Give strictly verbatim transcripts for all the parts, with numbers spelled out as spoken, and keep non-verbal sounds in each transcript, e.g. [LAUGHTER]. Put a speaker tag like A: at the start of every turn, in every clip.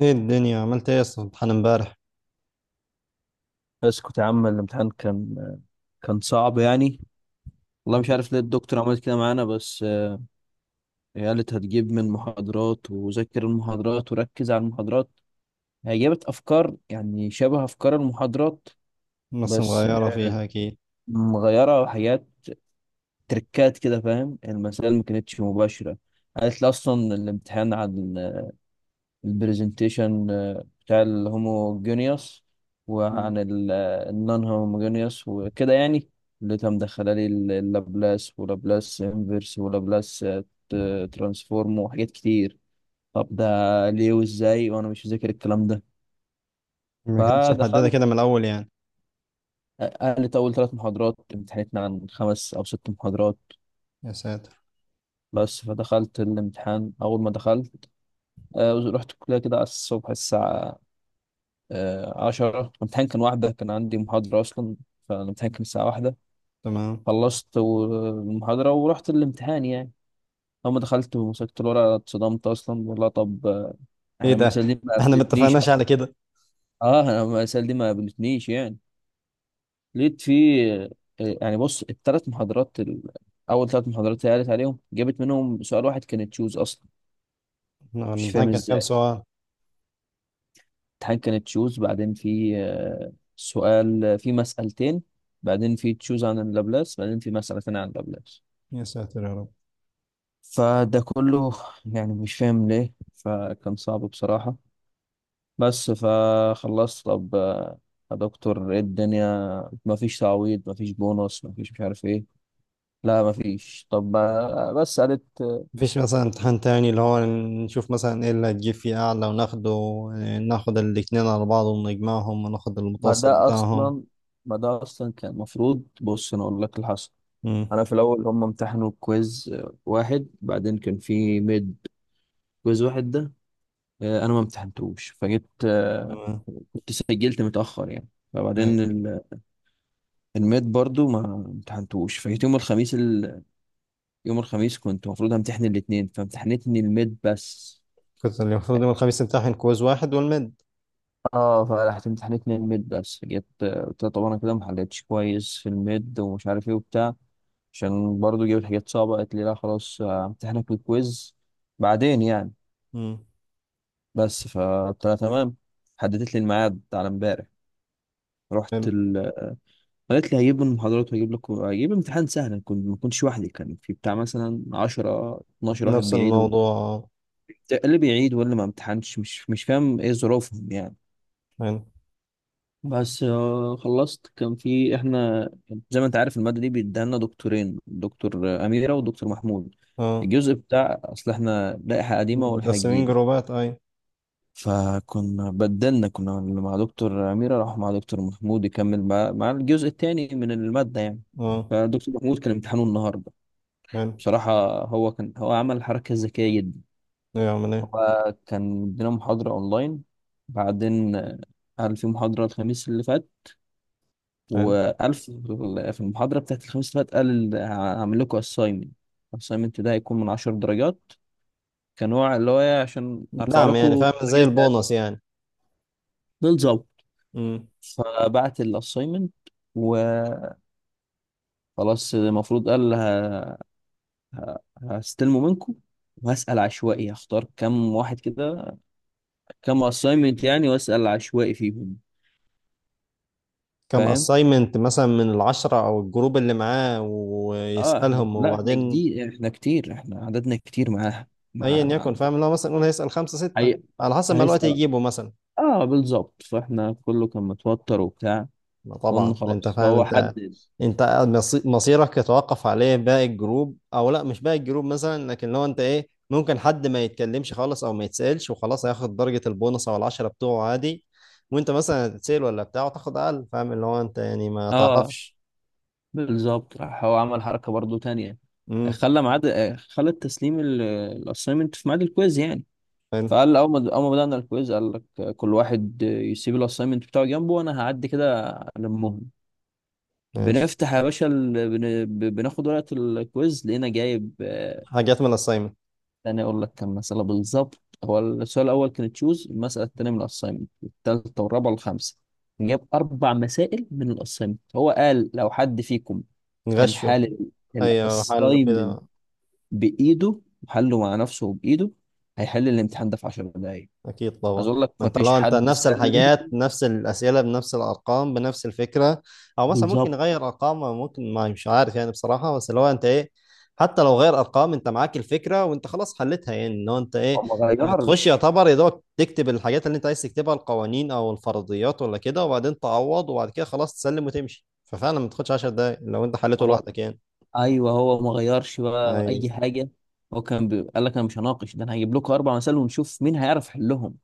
A: ايه الدنيا عملت ايه اصلا، امتحان امبارح؟
B: اسكت يا عم. الامتحان كان كان صعب يعني. والله مش عارف ليه الدكتور عملت كده معانا، بس آه، هي قالت هتجيب من محاضرات وذاكر المحاضرات وركز على المحاضرات. هي جابت افكار، يعني شبه افكار المحاضرات
A: نص
B: بس
A: مغيرة
B: آه،
A: فيها اكيد.
B: مغيره حاجات، تركات كده. فاهم؟ المسائل ما كانتش مباشره. قالت لي اصلا الامتحان عن البرزنتيشن آه، بتاع الهوموجينيوس
A: مم.
B: وعن النون هوموجينيوس وكده يعني، اللي كان مدخله لي ال- اللابلاس ولابلاس انفرس ولابلاس آه، ت- ترانسفورم وحاجات كتير. طب ده ليه وازاي وانا مش مذاكر الكلام ده؟
A: ما كانتش محددة
B: فدخلت.
A: كده من الاول يعني.
B: آه، قالت اول ثلاث محاضرات امتحنتنا عن خمس او ست محاضرات.
A: يا ساتر.
B: بس فدخلت الامتحان. اول ما دخلت آه، رحت الكليه كده على الصبح الساعه آه، عشرة. الامتحان كان واحدة، كان عندي محاضرة أصلا، فالامتحان كان الساعة واحدة.
A: تمام.
B: خلصت و- المحاضرة ورحت الامتحان يعني. أول ما دخلت ومسكت الورقة اتصدمت أصلا، والله. طب آه،
A: ايه
B: أنا
A: ده،
B: المسألة دي ما
A: احنا ما
B: قابلتنيش
A: اتفقناش على
B: أصلا.
A: كده.
B: أه، أنا المسألة دي ما قابلتنيش يعني. لقيت في آه، يعني بص، التلات محاضرات ال... أول تلات محاضرات اللي قالت عليهم جابت منهم سؤال واحد كانت تشوز أصلا.
A: إحنا
B: مش فاهم
A: الامتحان كان كام
B: إزاي.
A: سؤال؟
B: امتحان كان تشوز، بعدين في آه، سؤال، في مسألتين، بعدين في تشوز عن اللابلاس، بعدين في مسألتين عن اللابلاس.
A: يا ساتر يا رب.
B: فده كله يعني مش فاهم ليه، فكان صعب بصراحة. بس فخلصت. طب آه، يا دكتور، ايه الدنيا؟ مفيش تعويض؟ مفيش بونص؟ مفيش؟ مش عارف ايه. لا مفيش. طب آه، بس قالت آه،
A: مفيش مثلا امتحان تاني اللي هو نشوف مثلا ايه اللي هتجيب فيه اعلى وناخده؟ إيه، ناخد الاتنين على بعض ونجمعهم وناخد
B: ما
A: المتوسط
B: ده
A: بتاعهم.
B: اصلا، ما ده اصلا كان المفروض. بص انا اقول لك اللي حصل.
A: امم.
B: انا في الاول هم امتحنوا كويز واحد، بعدين كان في ميد. كويز واحد ده آه، انا ما امتحنتوش، فجيت آه،
A: تمام.
B: كنت سجلت متاخر يعني. فبعدين
A: أي.
B: ال- الميد برضو ما امتحنتوش، فجيت يوم الخميس ال... يوم الخميس كنت المفروض امتحن الاثنين، فامتحنتني الميد بس.
A: كنت المفروض يوم الخميس امتحن كويز واحد والمد.
B: اه فرحت امتحنتني الميد بس. جيت آه، قلت لها طب انا كده ما حلتش كويس في الميد ومش عارف ايه وبتاع، عشان برضو جبت حاجات صعبه. قالت لي لا خلاص، آه، امتحنك الكويز بعدين يعني.
A: امم.
B: بس فقلت لها تمام. حددت لي الميعاد على امبارح. رحت
A: حلو.
B: ال... قالت لي هجيب المحاضرات وهجيب لك، هجيب امتحان سهل. كنت ما كنتش وحدي، كان في بتاع مثلا عشرة اتناشر واحد
A: نفس
B: بيعيدوا،
A: الموضوع.
B: اللي بيعيد واللي ما امتحنش، مش مش فاهم ايه ظروفهم يعني.
A: حلو.
B: بس آه، خلصت. كان في احنا، زي ما انت عارف، المادة دي بيديها لنا دكتورين: دكتور آه، أميرة ودكتور محمود.
A: اه،
B: الجزء بتاع، اصل احنا لائحة قديمة ولائحة
A: متقسمين
B: جديدة،
A: جروبات اي.
B: فكنا بدلنا، كنا اللي مع دكتور أميرة راح مع دكتور محمود يكمل مع, مع الجزء الثاني من المادة يعني.
A: اه.
B: فدكتور محمود كان امتحانه النهاردة.
A: حلو.
B: بصراحة هو كان، هو عمل حركة ذكية جدا.
A: يعمل ايه؟
B: هو كان ادينا محاضرة أونلاين، بعدين آه، قال في محاضرة الخميس اللي فات.
A: حلو.
B: وقال في في المحاضرة بتاعت الخميس اللي فات قال ال- هعمل لكم أسايمنت. الأسايمنت ده هيكون من عشر درجات، كنوع اللي هو إيه، عشان أرفع
A: دعم يعني،
B: لكم
A: فاهم، زي
B: الدرجات بتاعتكم.
A: البونص يعني.
B: بالظبط.
A: امم.
B: فبعت الاساينمنت وخلاص. المفروض قال ه... ه... هستلمه منكم وهسأل عشوائي، هختار كام واحد كده، كام اساينمنت يعني، واسأل عشوائي فيهم.
A: كم
B: فاهم؟
A: اساينمنت مثلا من العشرة او الجروب اللي معاه،
B: اه، احنا
A: ويسألهم
B: لا، احنا
A: وبعدين؟
B: جديد، احنا كتير، احنا عددنا كتير معاها.
A: ايا
B: مع مع
A: يكن، فاهم، اللي هو مثلا يقول هيسأل خمسة ستة،
B: هي...
A: على حسب ما الوقت
B: هيسأل.
A: يجيبه مثلا.
B: اه بالظبط. فاحنا كله كان متوتر وبتاع.
A: ما
B: قلنا
A: طبعا انت
B: خلاص.
A: فاهم،
B: فهو
A: انت
B: حدد.
A: انت مصي- مصيرك يتوقف عليه، باقي الجروب او لا مش باقي الجروب مثلا، لكن لو انت ايه ممكن حد ما يتكلمش خالص او ما يتسألش وخلاص، هياخد درجة البونص او العشرة بتوعه عادي. وانت مثلا هتتسأل ولا بتاعه تاخد اقل، فاهم اللي هو انت يعني ما
B: اه
A: تعرفش.
B: بالظبط. راح هو عمل حركة برضو تانية،
A: امم.
B: خلى ميعاد، آه، خلى تسليم الاساينمنت في ميعاد الكويز يعني.
A: حلو.
B: فقال اول ما اول ما بدأنا الكويز قال لك كل واحد يسيب الاساينمنت بتاعه جنبه وانا هعدي كده. المهم،
A: ماشي.
B: بنفتح يا باشا ال... بن... ب- بناخد ورقة الكويز، لقينا جايب،
A: حاجات من الاساينمنت.
B: تاني اقول لك كم مسألة بالظبط: هو السؤال الاول كان تشوز، المسألة التانية من الاساينمنت، التالتة والرابعة والخامسة. جاب اربع مسائل من الاساينمنت. هو قال لو حد فيكم كان
A: غشوا.
B: حال
A: ايوه، حلو كده.
B: الاساينمنت بايده وحله مع نفسه بايده هيحل الامتحان ده في 10 دقايق.
A: اكيد
B: عايز
A: طبعا.
B: اقول لك
A: ما
B: ما
A: انت
B: فيش
A: لو انت
B: حد
A: نفس
B: سأل.
A: الحاجات، نفس الاسئله بنفس الارقام بنفس الفكره، او مثلا ممكن
B: بالظبط.
A: نغير ارقام، أو ممكن ما مش عارف يعني بصراحه، بس لو انت ايه، حتى لو غير ارقام انت معاك الفكره وانت خلاص حلتها يعني، ان هو انت
B: هو
A: ايه
B: ما
A: تخش
B: غيرش.
A: يعتبر يا دوبك تكتب الحاجات اللي انت عايز تكتبها، القوانين او الفرضيات ولا كده، وبعدين تعوض، وبعد كده خلاص تسلم وتمشي، ففعلا ما تاخدش عشر دقايق لو انت حلته
B: هو
A: لوحدك يعني.
B: ايوه، هو ما غيرش بقى
A: اي
B: اي حاجة. هو كان بي... قال لك انا مش هناقش ده، انا هجيب لكم اربع مسائل ونشوف مين هيعرف يحلهم،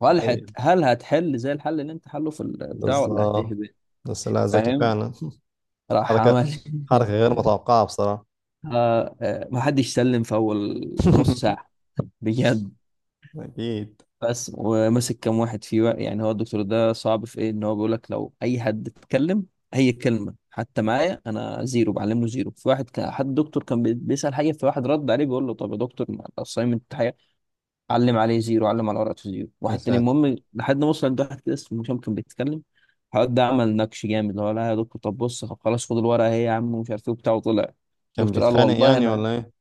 B: وهل
A: اي
B: هت... هل هتحل زي الحل اللي انت حله في البتاع ولا
A: بالظبط.
B: هتهبط.
A: بس لا، ذكي
B: فاهم؟
A: فعلا. [LAUGHS]
B: راح
A: حركه،
B: عمل [LAUGHS]
A: حركه غير متوقعه بصراحه.
B: آه، آه، ما حدش سلم في اول نص
A: [LAUGHS]
B: ساعه، بجد.
A: أكيد.
B: بس ومسك كام واحد فيه بقى. يعني هو الدكتور ده صعب في ايه؟ ان هو بيقول لك لو اي حد اتكلم اي كلمه حتى معايا انا زيرو، بعلمه زيرو. في واحد كان، حد دكتور كان بي- بيسال حاجه، في واحد رد عليه بيقول له طب يا دكتور ما الاساينمنت. علم عليه زيرو، علم على ورقته زيرو.
A: يا
B: واحد تاني.
A: ساتر.
B: المهم لحد ما وصل عند واحد كده اسمه هشام كان بيتكلم. الواد ده عمل نكش جامد، اللي هو لا يا دكتور، طب بص، طب خلاص خد الورقه اهي يا عم، ومش عارف ايه وبتاع، وطلع.
A: كان
B: الدكتور قال
A: بيتخانق
B: والله
A: يعني
B: انا،
A: ولا إيه؟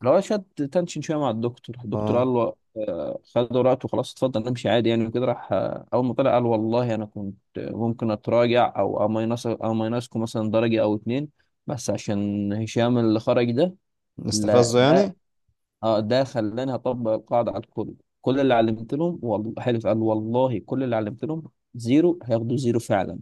B: اللي هو شد تنشن شويه مع الدكتور. الدكتور قال
A: آه.
B: له آه، خد ورقته خلاص، اتفضل امشي عادي يعني. وكده راح. آه، اول ما طلع قال والله انا كنت ممكن اتراجع او امينص، امينصكم مثلا درجه او اتنين، بس عشان هشام اللي خرج ده. لا
A: نستفزه
B: ده،
A: يعني؟
B: اه ده خلاني هطبق القاعده على الكل. كل اللي علمت لهم، والله حلف، قال والله كل اللي علمت لهم زيرو هياخدوا زيرو فعلا.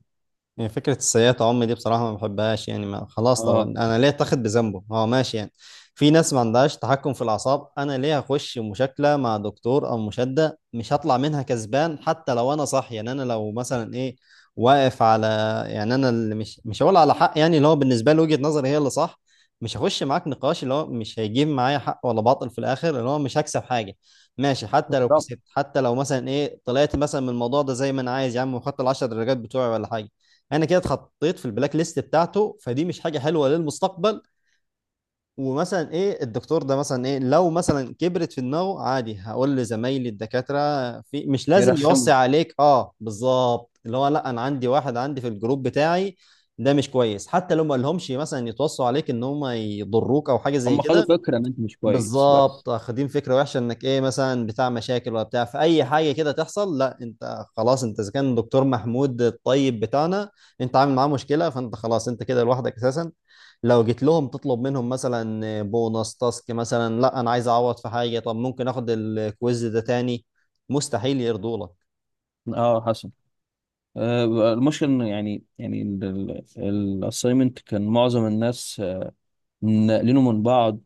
A: يعني فكرة السيئة عم دي بصراحة ما بحبهاش يعني، ما خلاص طبعا
B: اه
A: أنا ليه أتاخد بذنبه هو، ماشي يعني. في ناس ما عندهاش تحكم في الأعصاب، أنا ليه أخش مشاكلة مع دكتور أو مشادة مش هطلع منها كسبان، حتى لو أنا صح يعني. أنا لو مثلا إيه واقف على، يعني أنا اللي مش مش هقول على حق يعني، اللي هو بالنسبة لي وجهة نظري هي اللي صح. مش هخش معاك نقاش اللي هو مش هيجيب معايا حق ولا باطل في الآخر، اللي هو مش هكسب حاجة. ماشي حتى لو
B: بالظبط.
A: كسبت، حتى لو مثلا إيه طلعت مثلا من الموضوع ده زي ما أنا عايز يا عم، وخدت العشر درجات بتوعي ولا حاجة، انا كده اتحطيت في البلاك ليست بتاعته، فدي مش حاجه حلوه للمستقبل. ومثلا ايه، الدكتور ده مثلا ايه لو مثلا كبرت في دماغه، عادي هقول لزمايلي الدكاتره، في مش لازم
B: يرخموا.
A: يوصي عليك، اه بالظبط اللي هو لا، انا عندي واحد عندي في الجروب بتاعي ده مش كويس. حتى لو ما قالهمش مثلا يتوصوا عليك ان هم يضروك او حاجه زي
B: هم خدوا
A: كده،
B: فكره ان انت مش كويس، بس.
A: بالظبط واخدين فكره وحشه انك ايه مثلا بتاع مشاكل ولا بتاع في اي حاجه كده تحصل، لا انت خلاص انت، اذا كان دكتور محمود الطيب بتاعنا انت عامل معاه مشكله، فانت خلاص انت كده لوحدك اساسا. لو جيت لهم تطلب منهم مثلا بونص تاسك مثلا، لا انا عايز اعوض في حاجه، طب ممكن اخد الكويز ده تاني، مستحيل يرضوا لك.
B: اه حسن. آه المشكله انه يعني يعني الاساينمنت كان معظم الناس آه، ناقلينه من بعض.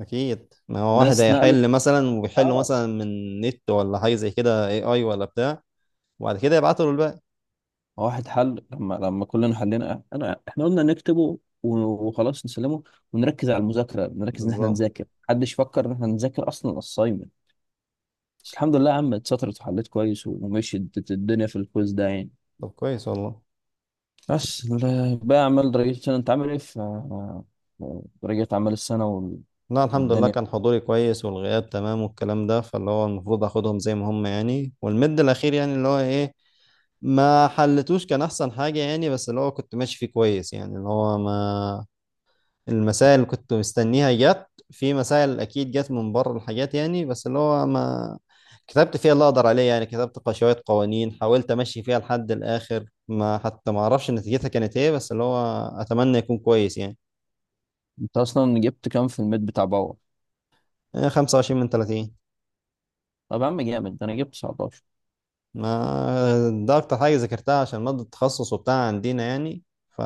A: اكيد، ما هو واحد
B: ناس نقلت.
A: هيحل مثلا ويحله
B: اه
A: مثلا من نت ولا حاجه زي كده، اي اي ولا بتاع. وبعد كده يبعتوا له الباقي.
B: واحد حل. لما لما كلنا حلينا انا، احنا قلنا نكتبه وخلاص نسلمه ونركز على المذاكره، نركز ان احنا
A: بالظبط.
B: نذاكر. محدش فكر ان احنا نذاكر اصلا الاساينمنت. بس الحمد لله يا عم اتسطرت وحليت كويس ومشيت الدنيا في الكويز ده يعني.
A: طب كويس والله.
B: بس ال- بقى اعمال، رجعت السنه. انت عامل ايه في رجعت اعمال السنه
A: لا الحمد لله،
B: والدنيا؟
A: كان حضوري كويس والغياب تمام والكلام ده، فاللي هو المفروض اخدهم زي ما هم يعني، والمد الاخير يعني اللي هو ايه ما حلتوش كان احسن حاجة يعني، بس اللي هو كنت ماشي فيه كويس يعني، اللي هو ما المسائل اللي كنت مستنيها جت، في مسائل اكيد جت من بره الحاجات يعني، بس اللي هو ما كتبت فيها اللي اقدر عليه يعني، كتبت ق- شوية قوانين حاولت امشي فيها لحد الاخر، ما حتى ما اعرفش نتيجتها كانت ايه، بس اللي هو اتمنى يكون كويس يعني.
B: انت اصلا جبت كام في الميد بتاع باور؟
A: خمسة وعشرين من ثلاثين.
B: طب يا عم جامد ده، انا جبت تسعتاشر.
A: ما ده اكتر حاجه ذاكرتها عشان ماده التخصص وبتاع عندنا يعني. ف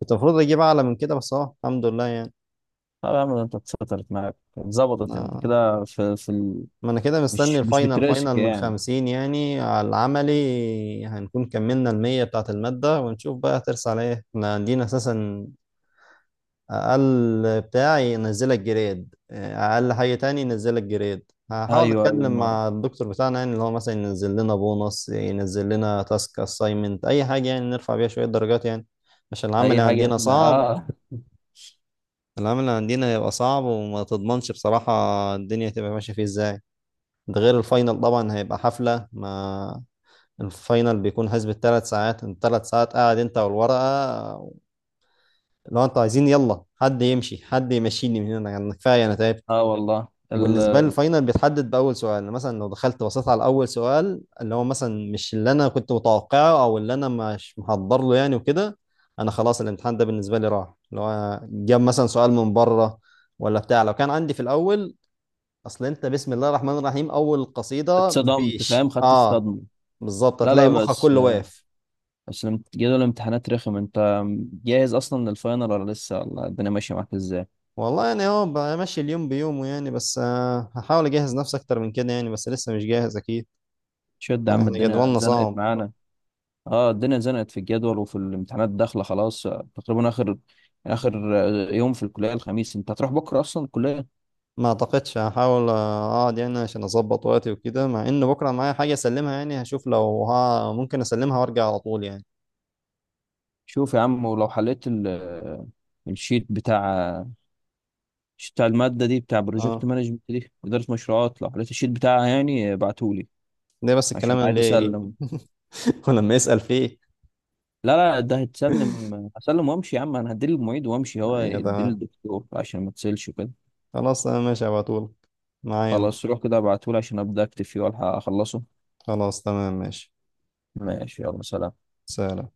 A: كنت المفروض اجيب اعلى من كده، بس اهو الحمد لله يعني.
B: طب يا عم ده انت اتسطرت معاك، اتظبطت انت
A: آه،
B: كده في في ال...
A: ما انا كده مستني
B: مش مش
A: الفاينل،
B: بتراسك
A: فاينل من
B: يعني.
A: خمسين يعني، على العملي هنكون كملنا المية بتاعت المادة، ونشوف بقى هترسى على ايه، احنا عندنا اساسا اقل بتاعي ينزلك جريد، اقل حاجه تاني ينزلك جريد. هحاول
B: ايوه ايوه
A: اتكلم
B: ما،
A: مع الدكتور بتاعنا يعني اللي هو مثلا ينزل لنا بونص، ينزل لنا تاسك اساينمنت اي حاجه يعني نرفع بيها شويه درجات يعني، عشان العمل
B: اي حاجه
A: عندنا
B: احنا
A: صعب.
B: اه.
A: العمل عندنا هيبقى صعب وما تضمنش بصراحه الدنيا هتبقى ماشيه فيه ازاي، ده غير الفاينل طبعا هيبقى حفله. ما الفاينل بيكون حسب الثلاث ساعات، الثلاث ساعات قاعد انت والورقه، لو انتوا عايزين يلا حد يمشي، حد يمشيني من هنا يعني كفايه انا تعبت.
B: اه والله ال...
A: وبالنسبة لي الفاينل بيتحدد بأول سؤال، يعني مثلا لو دخلت بصيت على أول سؤال اللي هو مثلا مش اللي أنا كنت متوقعه أو اللي أنا مش محضر له يعني وكده، أنا خلاص الامتحان ده بالنسبة لي راح، اللي هو جاب مثلا سؤال من بره ولا بتاع، لو كان عندي في الأول أصل أنت بسم الله الرحمن الرحيم، أول قصيدة
B: اتصدمت،
A: مفيش
B: فاهم، خدت
A: أه،
B: الصدمه.
A: بالظبط
B: لا
A: هتلاقي
B: لا،
A: مخك
B: بس
A: كله واقف.
B: بس لما جدول الامتحانات رخم، انت جاهز اصلا للفاينل ولا لسه؟ ولا الدنيا ماشيه معاك ازاي؟
A: والله يعني هو بمشي اليوم بيومه يعني، بس آه، هحاول أجهز نفسي أكتر من كده يعني، بس لسه مش جاهز أكيد.
B: شد يا
A: يعني
B: عم،
A: احنا
B: الدنيا
A: جدولنا
B: زنقت
A: صعب.
B: معانا. اه الدنيا زنقت في الجدول وفي الامتحانات، داخله خلاص تقريبا. اخر اخر يوم في الكليه الخميس. انت هتروح بكره اصلا الكليه؟
A: ما اعتقدش، هحاول اقعد يعني عشان اظبط وقتي وكده، مع ان بكره معايا حاجه اسلمها يعني، هشوف لو ها ممكن اسلمها وارجع على طول يعني.
B: شوف يا عم، ولو حليت ال... الشيت بتاع، مش بتاع المادة دي، بتاع بروجكت
A: اه
B: مانجمنت دي، إدارة مشروعات، لو حضرتك الشيت بتاعها يعني ابعتهولي
A: ده بس
B: عشان
A: الكلام
B: عايز
A: اللي
B: أسلم.
A: [LAUGHS] ولما يسأل فيه.
B: لا لا ده هتسلم، هسلم وامشي يا عم. انا هديه للمعيد وامشي، هو
A: ايوه
B: يديه
A: تمام.
B: للدكتور عشان ما تسلش وكده.
A: خلاص انا ماشي على طول معايا.
B: خلاص روح كده، ابعتهولي عشان ابدا اكتب فيه والحق اخلصه.
A: خلاص تمام ماشي.
B: ماشي، يلا سلام.
A: سلام.